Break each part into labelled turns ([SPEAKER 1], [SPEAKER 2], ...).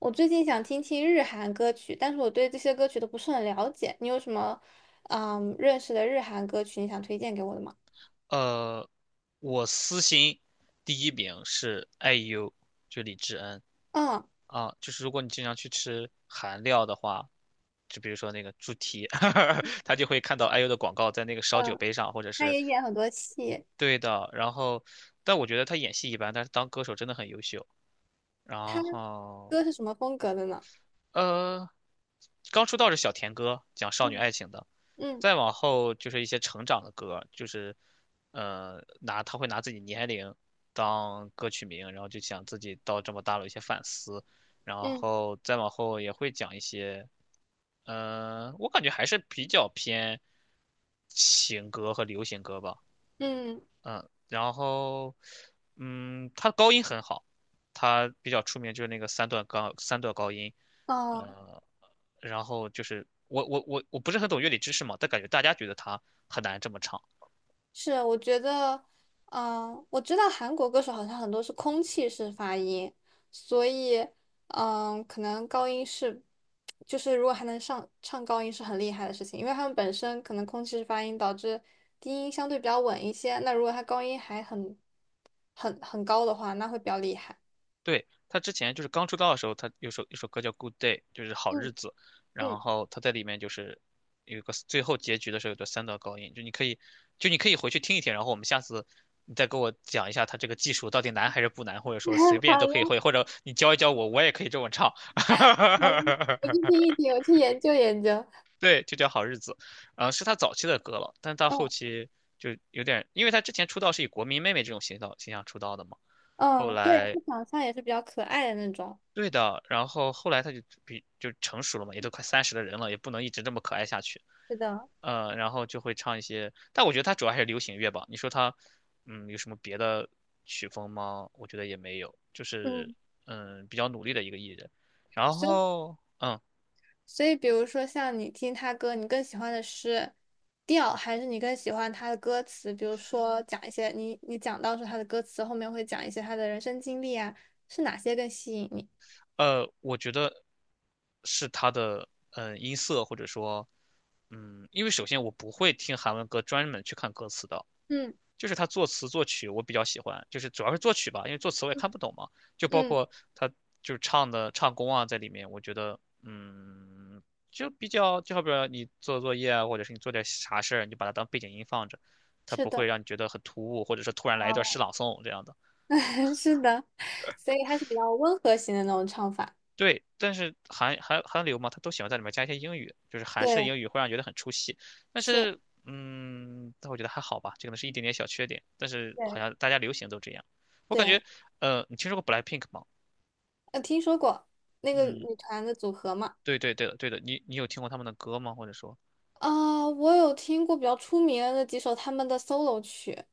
[SPEAKER 1] 我最近想听听日韩歌曲，但是我对这些歌曲都不是很了解。你有什么认识的日韩歌曲你想推荐给我的吗？
[SPEAKER 2] 呃，我私心第一名是 IU，n
[SPEAKER 1] 嗯
[SPEAKER 2] 啊，就是如果你经常去吃韩料的话，就比如说那个猪蹄，他就会看到 IU 的广告在那个烧酒
[SPEAKER 1] 嗯，
[SPEAKER 2] 杯上，或者
[SPEAKER 1] 他
[SPEAKER 2] 是
[SPEAKER 1] 也演很多戏，
[SPEAKER 2] 对的。然后，但我觉得他演戏一般，但是当歌手真的很优秀。
[SPEAKER 1] 他
[SPEAKER 2] 然后，
[SPEAKER 1] 歌是什么风格的呢？
[SPEAKER 2] 呃，刚出道是小甜歌，讲少女
[SPEAKER 1] 嗯
[SPEAKER 2] 爱情的。
[SPEAKER 1] 嗯
[SPEAKER 2] 再往后就是一些成长的歌，就是他会拿自己年龄当歌曲名，然后就想自己到这么大了一些反思，然
[SPEAKER 1] 嗯
[SPEAKER 2] 后再往后也会讲一些，我感觉还是比较偏情歌和流行歌吧。
[SPEAKER 1] 嗯，
[SPEAKER 2] 然后，他高音很好，他比较出名就是那个三段高音，
[SPEAKER 1] 哦、
[SPEAKER 2] 呃，然后就是我不是很懂乐理知识嘛，但感觉大家觉得他很难这么唱。
[SPEAKER 1] 是，我觉得，我知道韩国歌手好像很多是空气式发音，所以，可能高音是，就是如果还能上唱高音是很厉害的事情，因为他们本身可能空气式发音导致低音相对比较稳一些，那如果他高音还很高的话，那会比较厉害。
[SPEAKER 2] 对，他之前就是刚出道的时候，他有一首歌叫《Good Day》，就是好日
[SPEAKER 1] 嗯
[SPEAKER 2] 子。然
[SPEAKER 1] 嗯，
[SPEAKER 2] 后他在里面就是有一个最后结局的时候有个三道高音，就你可以回去听一听，然后我们下次你再给我讲一下他这个技术到底难还是不难，或者说随 便都
[SPEAKER 1] 好
[SPEAKER 2] 可以
[SPEAKER 1] 的
[SPEAKER 2] 会，或者你教一教我，我也可以这么唱。
[SPEAKER 1] 好的，我去听 一听，我去研究研究。
[SPEAKER 2] 对，就叫好日子，是他早期的歌了，但到后
[SPEAKER 1] 嗯
[SPEAKER 2] 期就有点，因为他之前出道是以国民妹妹这种形象出道的嘛。后
[SPEAKER 1] 嗯，对，
[SPEAKER 2] 来
[SPEAKER 1] 他长相也是比较可爱的那种。
[SPEAKER 2] 对的，然后后来他就成熟了嘛，也都快30的人了，也不能一直这么可爱下去。
[SPEAKER 1] 是的，
[SPEAKER 2] 然后就会唱一些，但我觉得他主要还是流行乐吧。你说他，有什么别的曲风吗？我觉得也没有，就是
[SPEAKER 1] 嗯。
[SPEAKER 2] 比较努力的一个艺人。然
[SPEAKER 1] 所以。
[SPEAKER 2] 后
[SPEAKER 1] 所以，比如说像你听他歌，你更喜欢的是调，还是你更喜欢他的歌词？比如说讲一些你讲到说他的歌词后面会讲一些他的人生经历啊，是哪些更吸引你？
[SPEAKER 2] 我觉得是他的音色或者说因为首先我不会听韩文歌专门去看歌词的，
[SPEAKER 1] 嗯
[SPEAKER 2] 就是他作词作曲我比较喜欢，就是主要是作曲吧，因为作词我也
[SPEAKER 1] 嗯，
[SPEAKER 2] 看不懂嘛，就包
[SPEAKER 1] 嗯，
[SPEAKER 2] 括他就是唱的唱功啊在里面，我觉得就比较就好比说你做作业啊，或者是你做点啥事儿，你就把它当背景音放着，它
[SPEAKER 1] 是
[SPEAKER 2] 不会
[SPEAKER 1] 的，
[SPEAKER 2] 让你觉得很突兀，或者是突然来一段诗
[SPEAKER 1] 哦，
[SPEAKER 2] 朗诵这样的。
[SPEAKER 1] 是的，所以它是比较温和型的那种唱法。
[SPEAKER 2] 对，但是韩流嘛，他都喜欢在里面加一些英语，就是韩式的
[SPEAKER 1] 对，
[SPEAKER 2] 英语会让人觉得很出戏。但
[SPEAKER 1] 是，
[SPEAKER 2] 是，但我觉得还好吧，这可能是一点点小缺点。但是好
[SPEAKER 1] 对
[SPEAKER 2] 像大家流行都这样，我感
[SPEAKER 1] 对，
[SPEAKER 2] 觉，你听说过 BLACKPINK 吗？
[SPEAKER 1] 听说过那个
[SPEAKER 2] 嗯，
[SPEAKER 1] 女团的组合嘛？
[SPEAKER 2] 对对对的对的，你有听过他们的歌吗？或者说
[SPEAKER 1] 啊、我有听过比较出名的那几首他们的 solo 曲。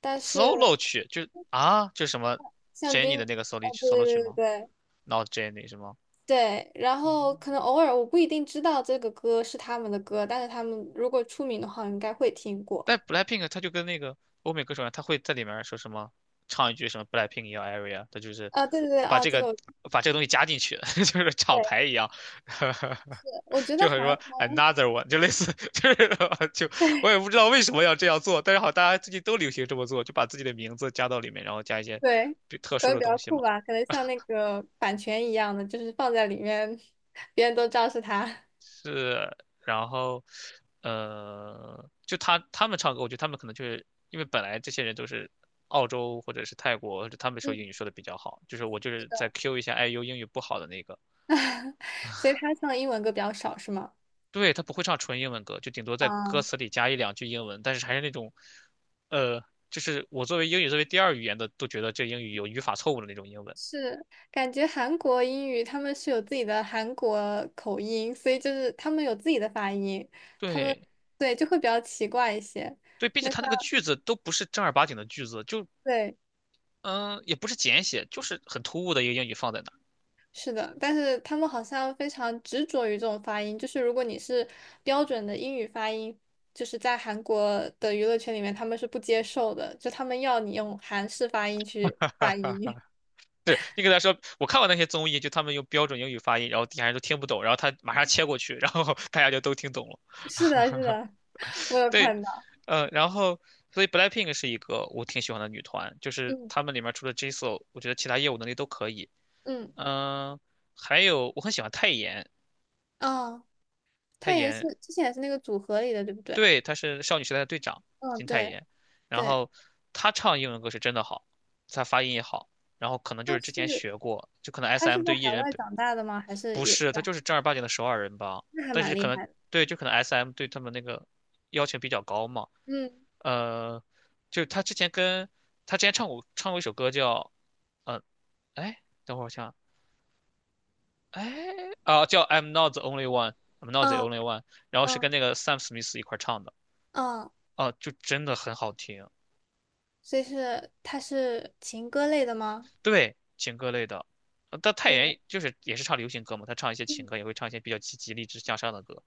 [SPEAKER 1] 但是
[SPEAKER 2] solo 曲，就什么
[SPEAKER 1] 像
[SPEAKER 2] Jennie
[SPEAKER 1] 军，
[SPEAKER 2] 的那个 solo 曲
[SPEAKER 1] 对
[SPEAKER 2] solo 曲
[SPEAKER 1] 对对
[SPEAKER 2] 吗
[SPEAKER 1] 对
[SPEAKER 2] ？Not Jennie 是吗？
[SPEAKER 1] 对，然后可能偶尔我不一定知道这个歌是他们的歌，但是他们如果出名的话，我应该会听过。
[SPEAKER 2] 但 BLACKPINK 他就跟那个欧美歌手一样，他会在里面说什么，唱一句什么 BLACKPINK in your area，他就是
[SPEAKER 1] 啊，对对对，
[SPEAKER 2] 把
[SPEAKER 1] 啊，
[SPEAKER 2] 这
[SPEAKER 1] 这
[SPEAKER 2] 个
[SPEAKER 1] 个我
[SPEAKER 2] 把这个东西加进去，就是厂
[SPEAKER 1] 对，
[SPEAKER 2] 牌一样，
[SPEAKER 1] 我 觉得
[SPEAKER 2] 就很
[SPEAKER 1] 韩
[SPEAKER 2] 说
[SPEAKER 1] 国
[SPEAKER 2] another one，就类似就是 就我也不知道为什么要这样做，但是好，大家最近都流行这么做，就把自己的名字加到里面，然后加一些
[SPEAKER 1] 对
[SPEAKER 2] 比特
[SPEAKER 1] 可
[SPEAKER 2] 殊
[SPEAKER 1] 能
[SPEAKER 2] 的
[SPEAKER 1] 比较
[SPEAKER 2] 东西
[SPEAKER 1] 酷
[SPEAKER 2] 嘛。
[SPEAKER 1] 吧，可能像那个版权一样的，就是放在里面，别人都知道是他。
[SPEAKER 2] 是，然后，就他们唱歌，我觉得他们可能就是因为本来这些人都是澳洲或者是泰国，或者他们说英
[SPEAKER 1] 嗯，
[SPEAKER 2] 语说的比较好，就是我就是在 Q 一下 IU 英语不好的那个。
[SPEAKER 1] 所以他唱英文歌比较少，是吗？
[SPEAKER 2] 对，他不会唱纯英文歌，就顶多在歌
[SPEAKER 1] 嗯。
[SPEAKER 2] 词里加一两句英文，但是还是那种，呃，就是我作为英语作为第二语言的都觉得这英语有语法错误的那种英文。
[SPEAKER 1] 是，感觉韩国英语他们是有自己的韩国口音，所以就是他们有自己的发音，他们
[SPEAKER 2] 对
[SPEAKER 1] 对就会比较奇怪一些。
[SPEAKER 2] 对，并且
[SPEAKER 1] 那像
[SPEAKER 2] 他那个句子都不是正儿八经的句子，就
[SPEAKER 1] 对，
[SPEAKER 2] 也不是简写，就是很突兀的一个英语放在那儿。
[SPEAKER 1] 是的，但是他们好像非常执着于这种发音，就是如果你是标准的英语发音，就是在韩国的娱乐圈里面他们是不接受的，就他们要你用韩式发音去发 音。
[SPEAKER 2] 对你给他说，我看过那些综艺，就他们用标准英语发音，然后底下人都听不懂，然后他马上切过去，然后 大家就都听懂了。
[SPEAKER 1] 是的，是的，我有
[SPEAKER 2] 对，
[SPEAKER 1] 看到，
[SPEAKER 2] 然后所以 BLACKPINK 是一个我挺喜欢的女团，就是
[SPEAKER 1] 嗯
[SPEAKER 2] 她们里面除了 Jisoo，我觉得其他业务能力都可以。
[SPEAKER 1] 嗯，
[SPEAKER 2] 嗯、还有我很喜欢泰妍，
[SPEAKER 1] 哦，
[SPEAKER 2] 泰
[SPEAKER 1] 他也是
[SPEAKER 2] 妍。
[SPEAKER 1] 之前也是那个组合里的，对不对？
[SPEAKER 2] 对，她是少女时代的队长
[SPEAKER 1] 嗯，
[SPEAKER 2] 金泰
[SPEAKER 1] 对
[SPEAKER 2] 妍，然
[SPEAKER 1] 对，
[SPEAKER 2] 后她唱英文歌是真的好，她发音也好，然后可能就
[SPEAKER 1] 他
[SPEAKER 2] 是之前
[SPEAKER 1] 是
[SPEAKER 2] 学过，就可能
[SPEAKER 1] 他是
[SPEAKER 2] SM
[SPEAKER 1] 在
[SPEAKER 2] 对艺
[SPEAKER 1] 海
[SPEAKER 2] 人
[SPEAKER 1] 外长大的吗？还是
[SPEAKER 2] 不
[SPEAKER 1] 也
[SPEAKER 2] 是，他
[SPEAKER 1] 在？
[SPEAKER 2] 就是正儿八经的首尔人吧？
[SPEAKER 1] 那还
[SPEAKER 2] 但是
[SPEAKER 1] 蛮
[SPEAKER 2] 可
[SPEAKER 1] 厉
[SPEAKER 2] 能
[SPEAKER 1] 害的。
[SPEAKER 2] 对，就可能 SM 对他们那个要求比较高嘛。
[SPEAKER 1] 嗯
[SPEAKER 2] 呃，就他之前唱过一首歌叫呃，哎，等会儿我想，哎叫 I'm not the only one，I'm not the
[SPEAKER 1] 嗯
[SPEAKER 2] only one，然后是
[SPEAKER 1] 嗯
[SPEAKER 2] 跟那个 Sam Smith 一块儿唱的。
[SPEAKER 1] 嗯，
[SPEAKER 2] 啊，就真的很好听。
[SPEAKER 1] 所以是他是情歌类的吗？
[SPEAKER 2] 对，情歌类的，但泰
[SPEAKER 1] 对，
[SPEAKER 2] 妍就是也是唱流行歌嘛，他唱一些情
[SPEAKER 1] 嗯，
[SPEAKER 2] 歌，也会唱一些比较积极励志向上的歌。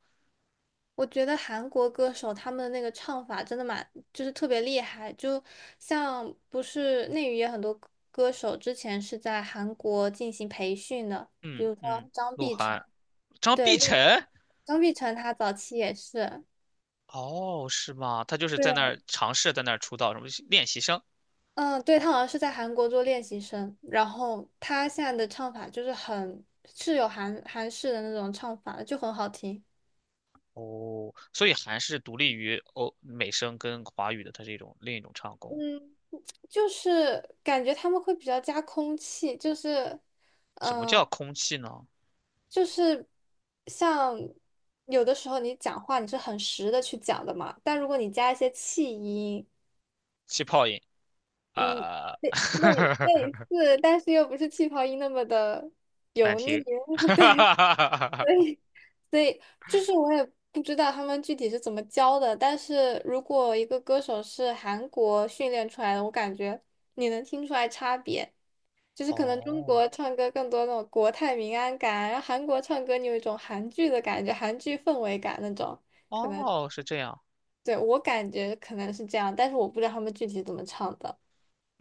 [SPEAKER 1] 我觉得韩国歌手他们的那个唱法真的蛮，就是特别厉害。就像不是内娱也很多歌手之前是在韩国进行培训的，比
[SPEAKER 2] 嗯
[SPEAKER 1] 如说
[SPEAKER 2] 嗯，
[SPEAKER 1] 张
[SPEAKER 2] 鹿
[SPEAKER 1] 碧晨，
[SPEAKER 2] 晗，张
[SPEAKER 1] 对，
[SPEAKER 2] 碧晨。
[SPEAKER 1] 张碧晨她早期也是。
[SPEAKER 2] 哦，是吗？他就是在那
[SPEAKER 1] 对。
[SPEAKER 2] 儿尝试在那儿出道，什么练习生。
[SPEAKER 1] 嗯，对，他好像是在韩国做练习生，然后他现在的唱法就是很是有韩式的那种唱法的就很好听。
[SPEAKER 2] 哦，所以还是独立于欧美声跟华语的，它是另一种唱功。
[SPEAKER 1] 嗯，就是感觉他们会比较加空气，就是
[SPEAKER 2] 什么
[SPEAKER 1] 嗯，呃
[SPEAKER 2] 叫空气呢？
[SPEAKER 1] 就是像有的时候你讲话你是很实的去讲的嘛，但如果你加一些气音，
[SPEAKER 2] 气泡音
[SPEAKER 1] 嗯，
[SPEAKER 2] 啊，
[SPEAKER 1] 类 类类似，但是又不是气泡音那么的
[SPEAKER 2] 难
[SPEAKER 1] 油腻，
[SPEAKER 2] 听。
[SPEAKER 1] 对，所 以。所以就是我也不知道他们具体是怎么教的，但是如果一个歌手是韩国训练出来的，我感觉你能听出来差别，就是可能中
[SPEAKER 2] 哦
[SPEAKER 1] 国唱歌更多那种国泰民安感，然后韩国唱歌你有一种韩剧的感觉，韩剧氛围感那种，可能，
[SPEAKER 2] 哦，是这样。
[SPEAKER 1] 对，我感觉可能是这样，但是我不知道他们具体怎么唱的。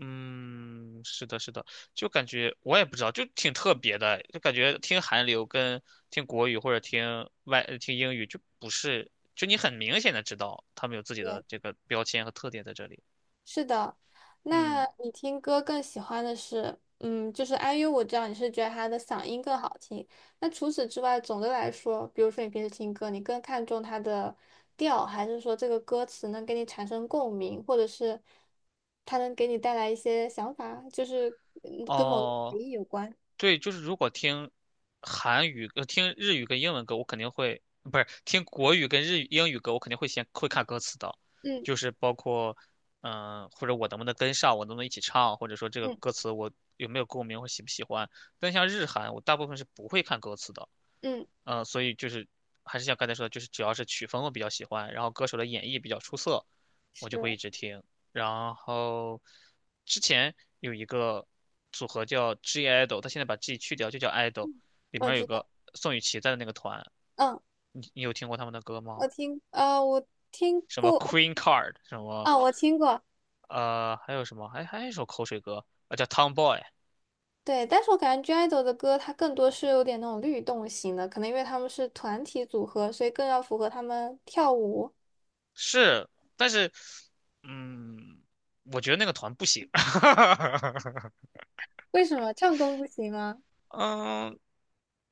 [SPEAKER 2] 嗯，是的，是的，就感觉我也不知道，就挺特别的，就感觉听韩流跟听国语或者听听英语就不是，就你很明显的知道他们有自己的
[SPEAKER 1] 对。
[SPEAKER 2] 这个标签和特点在这里。
[SPEAKER 1] 是的，那
[SPEAKER 2] 嗯，
[SPEAKER 1] 你听歌更喜欢的是，嗯，就是 IU，我知道你是觉得他的嗓音更好听。那除此之外，总的来说，比如说你平时听歌，你更看重它的调，还是说这个歌词能给你产生共鸣，或者是它能给你带来一些想法，就是嗯跟某个
[SPEAKER 2] 哦，
[SPEAKER 1] 回忆有关？
[SPEAKER 2] 对，就是如果听韩语、听日语跟英文歌，我肯定会，不是听国语跟日语、英语歌，我肯定会先看歌词的，就
[SPEAKER 1] 嗯
[SPEAKER 2] 是包括，或者我能不能跟上，我能不能一起唱，或者说这个
[SPEAKER 1] 嗯
[SPEAKER 2] 歌词我有没有共鸣，或喜不喜欢。但像日韩，我大部分是不会看歌词的，
[SPEAKER 1] 嗯，
[SPEAKER 2] 所以就是还是像刚才说的，就是只要是曲风我比较喜欢，然后歌手的演绎比较出色，我就会一
[SPEAKER 1] 是，
[SPEAKER 2] 直听。然后之前有一个组合叫 G IDOL，他现在把 G 去掉就叫 IDOL，里
[SPEAKER 1] 我
[SPEAKER 2] 面有
[SPEAKER 1] 知
[SPEAKER 2] 个
[SPEAKER 1] 道，
[SPEAKER 2] 宋雨琦在的那个团，
[SPEAKER 1] 嗯，
[SPEAKER 2] 你有听过他们的歌吗？
[SPEAKER 1] 我听
[SPEAKER 2] 什么
[SPEAKER 1] 过，
[SPEAKER 2] Queen Card，什么
[SPEAKER 1] 啊，我听过，
[SPEAKER 2] 还有什么，还有一首口水歌啊，叫 Tomboy。
[SPEAKER 1] 对，但是我感觉 GIDLE 的歌它更多是有点那种律动型的，可能因为他们是团体组合，所以更要符合他们跳舞。
[SPEAKER 2] 是，但是嗯，我觉得那个团不行。
[SPEAKER 1] 为什么唱功不行吗？
[SPEAKER 2] 嗯，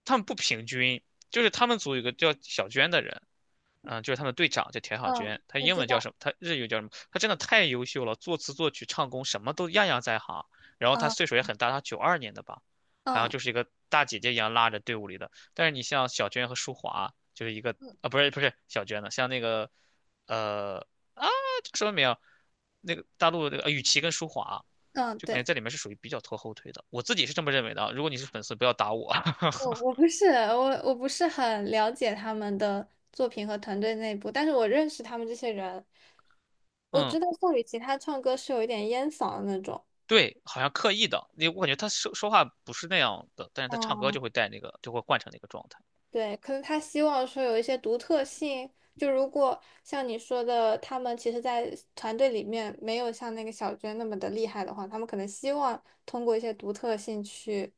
[SPEAKER 2] 他们不平均，就是他们组有个叫小娟的人。就是他们队长叫田小
[SPEAKER 1] 嗯，
[SPEAKER 2] 娟。她
[SPEAKER 1] 我
[SPEAKER 2] 英
[SPEAKER 1] 知
[SPEAKER 2] 文叫
[SPEAKER 1] 道，
[SPEAKER 2] 什么？她日语叫什么？她真的太优秀了，作词作曲唱功什么都样样在行。然后她岁
[SPEAKER 1] 嗯
[SPEAKER 2] 数也很大，她92年的吧，好像
[SPEAKER 1] 嗯
[SPEAKER 2] 就是一个大姐姐一样拉着队伍里的。但是你像小娟和舒华，就是一个
[SPEAKER 1] 嗯
[SPEAKER 2] 啊，不是不是小娟的，像那个呃叫什么名啊那个大陆那个雨琦跟舒华。
[SPEAKER 1] 嗯，
[SPEAKER 2] 就感觉
[SPEAKER 1] 对，
[SPEAKER 2] 在里面是属于比较拖后腿的，我自己是这么认为的啊如果你是粉丝，不要打我。
[SPEAKER 1] 我我 不是我我不是很了解他们的作品和团队内部，但是我认识他们这些人，我
[SPEAKER 2] 嗯，
[SPEAKER 1] 知道宋雨琦她唱歌是有一点烟嗓的那种。
[SPEAKER 2] 对，好像刻意的，你我感觉他说话不是那样的，但是他唱歌
[SPEAKER 1] 嗯。
[SPEAKER 2] 就会带那个，就会换成那个状态。
[SPEAKER 1] 对，可能他希望说有一些独特性。就如果像你说的，他们其实，在团队里面没有像那个小娟那么的厉害的话，他们可能希望通过一些独特性去，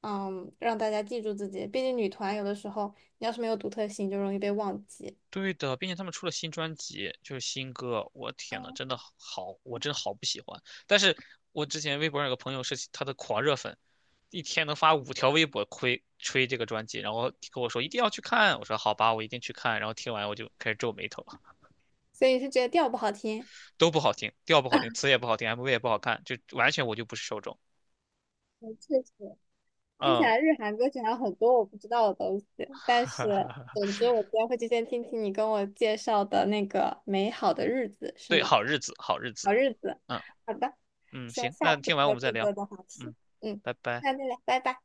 [SPEAKER 1] 嗯，让大家记住自己。毕竟女团有的时候，你要是没有独特性，就容易被忘记。
[SPEAKER 2] 对的，并且他们出了新专辑，就是新歌，我天呐，真的好，我真好不喜欢。但是我之前微博上有个朋友是他的狂热粉，一天能发5条微博吹吹这个专辑，然后跟我说一定要去看，我说好吧，我一定去看。然后听完我就开始皱眉头，
[SPEAKER 1] 所以是觉得调不好听？
[SPEAKER 2] 都不好听，调不好听，词也不好听，MV 也不好看，就完全我就不是受众。
[SPEAKER 1] 嗯，确实，听起
[SPEAKER 2] 嗯，
[SPEAKER 1] 来日韩歌曲还有很多我不知道的东西。但是，总之，我今天会提前听听你跟我介绍的那个《美好的日子》，是
[SPEAKER 2] 对，
[SPEAKER 1] 吗？
[SPEAKER 2] 好日子，好日子，
[SPEAKER 1] 好日子。
[SPEAKER 2] 嗯。
[SPEAKER 1] 好的，
[SPEAKER 2] 嗯，
[SPEAKER 1] 希望
[SPEAKER 2] 行，
[SPEAKER 1] 下
[SPEAKER 2] 那听
[SPEAKER 1] 次
[SPEAKER 2] 完我
[SPEAKER 1] 再
[SPEAKER 2] 们再
[SPEAKER 1] 更
[SPEAKER 2] 聊。
[SPEAKER 1] 多的话题。
[SPEAKER 2] 嗯，
[SPEAKER 1] 嗯，
[SPEAKER 2] 拜拜。
[SPEAKER 1] 那再来，拜拜。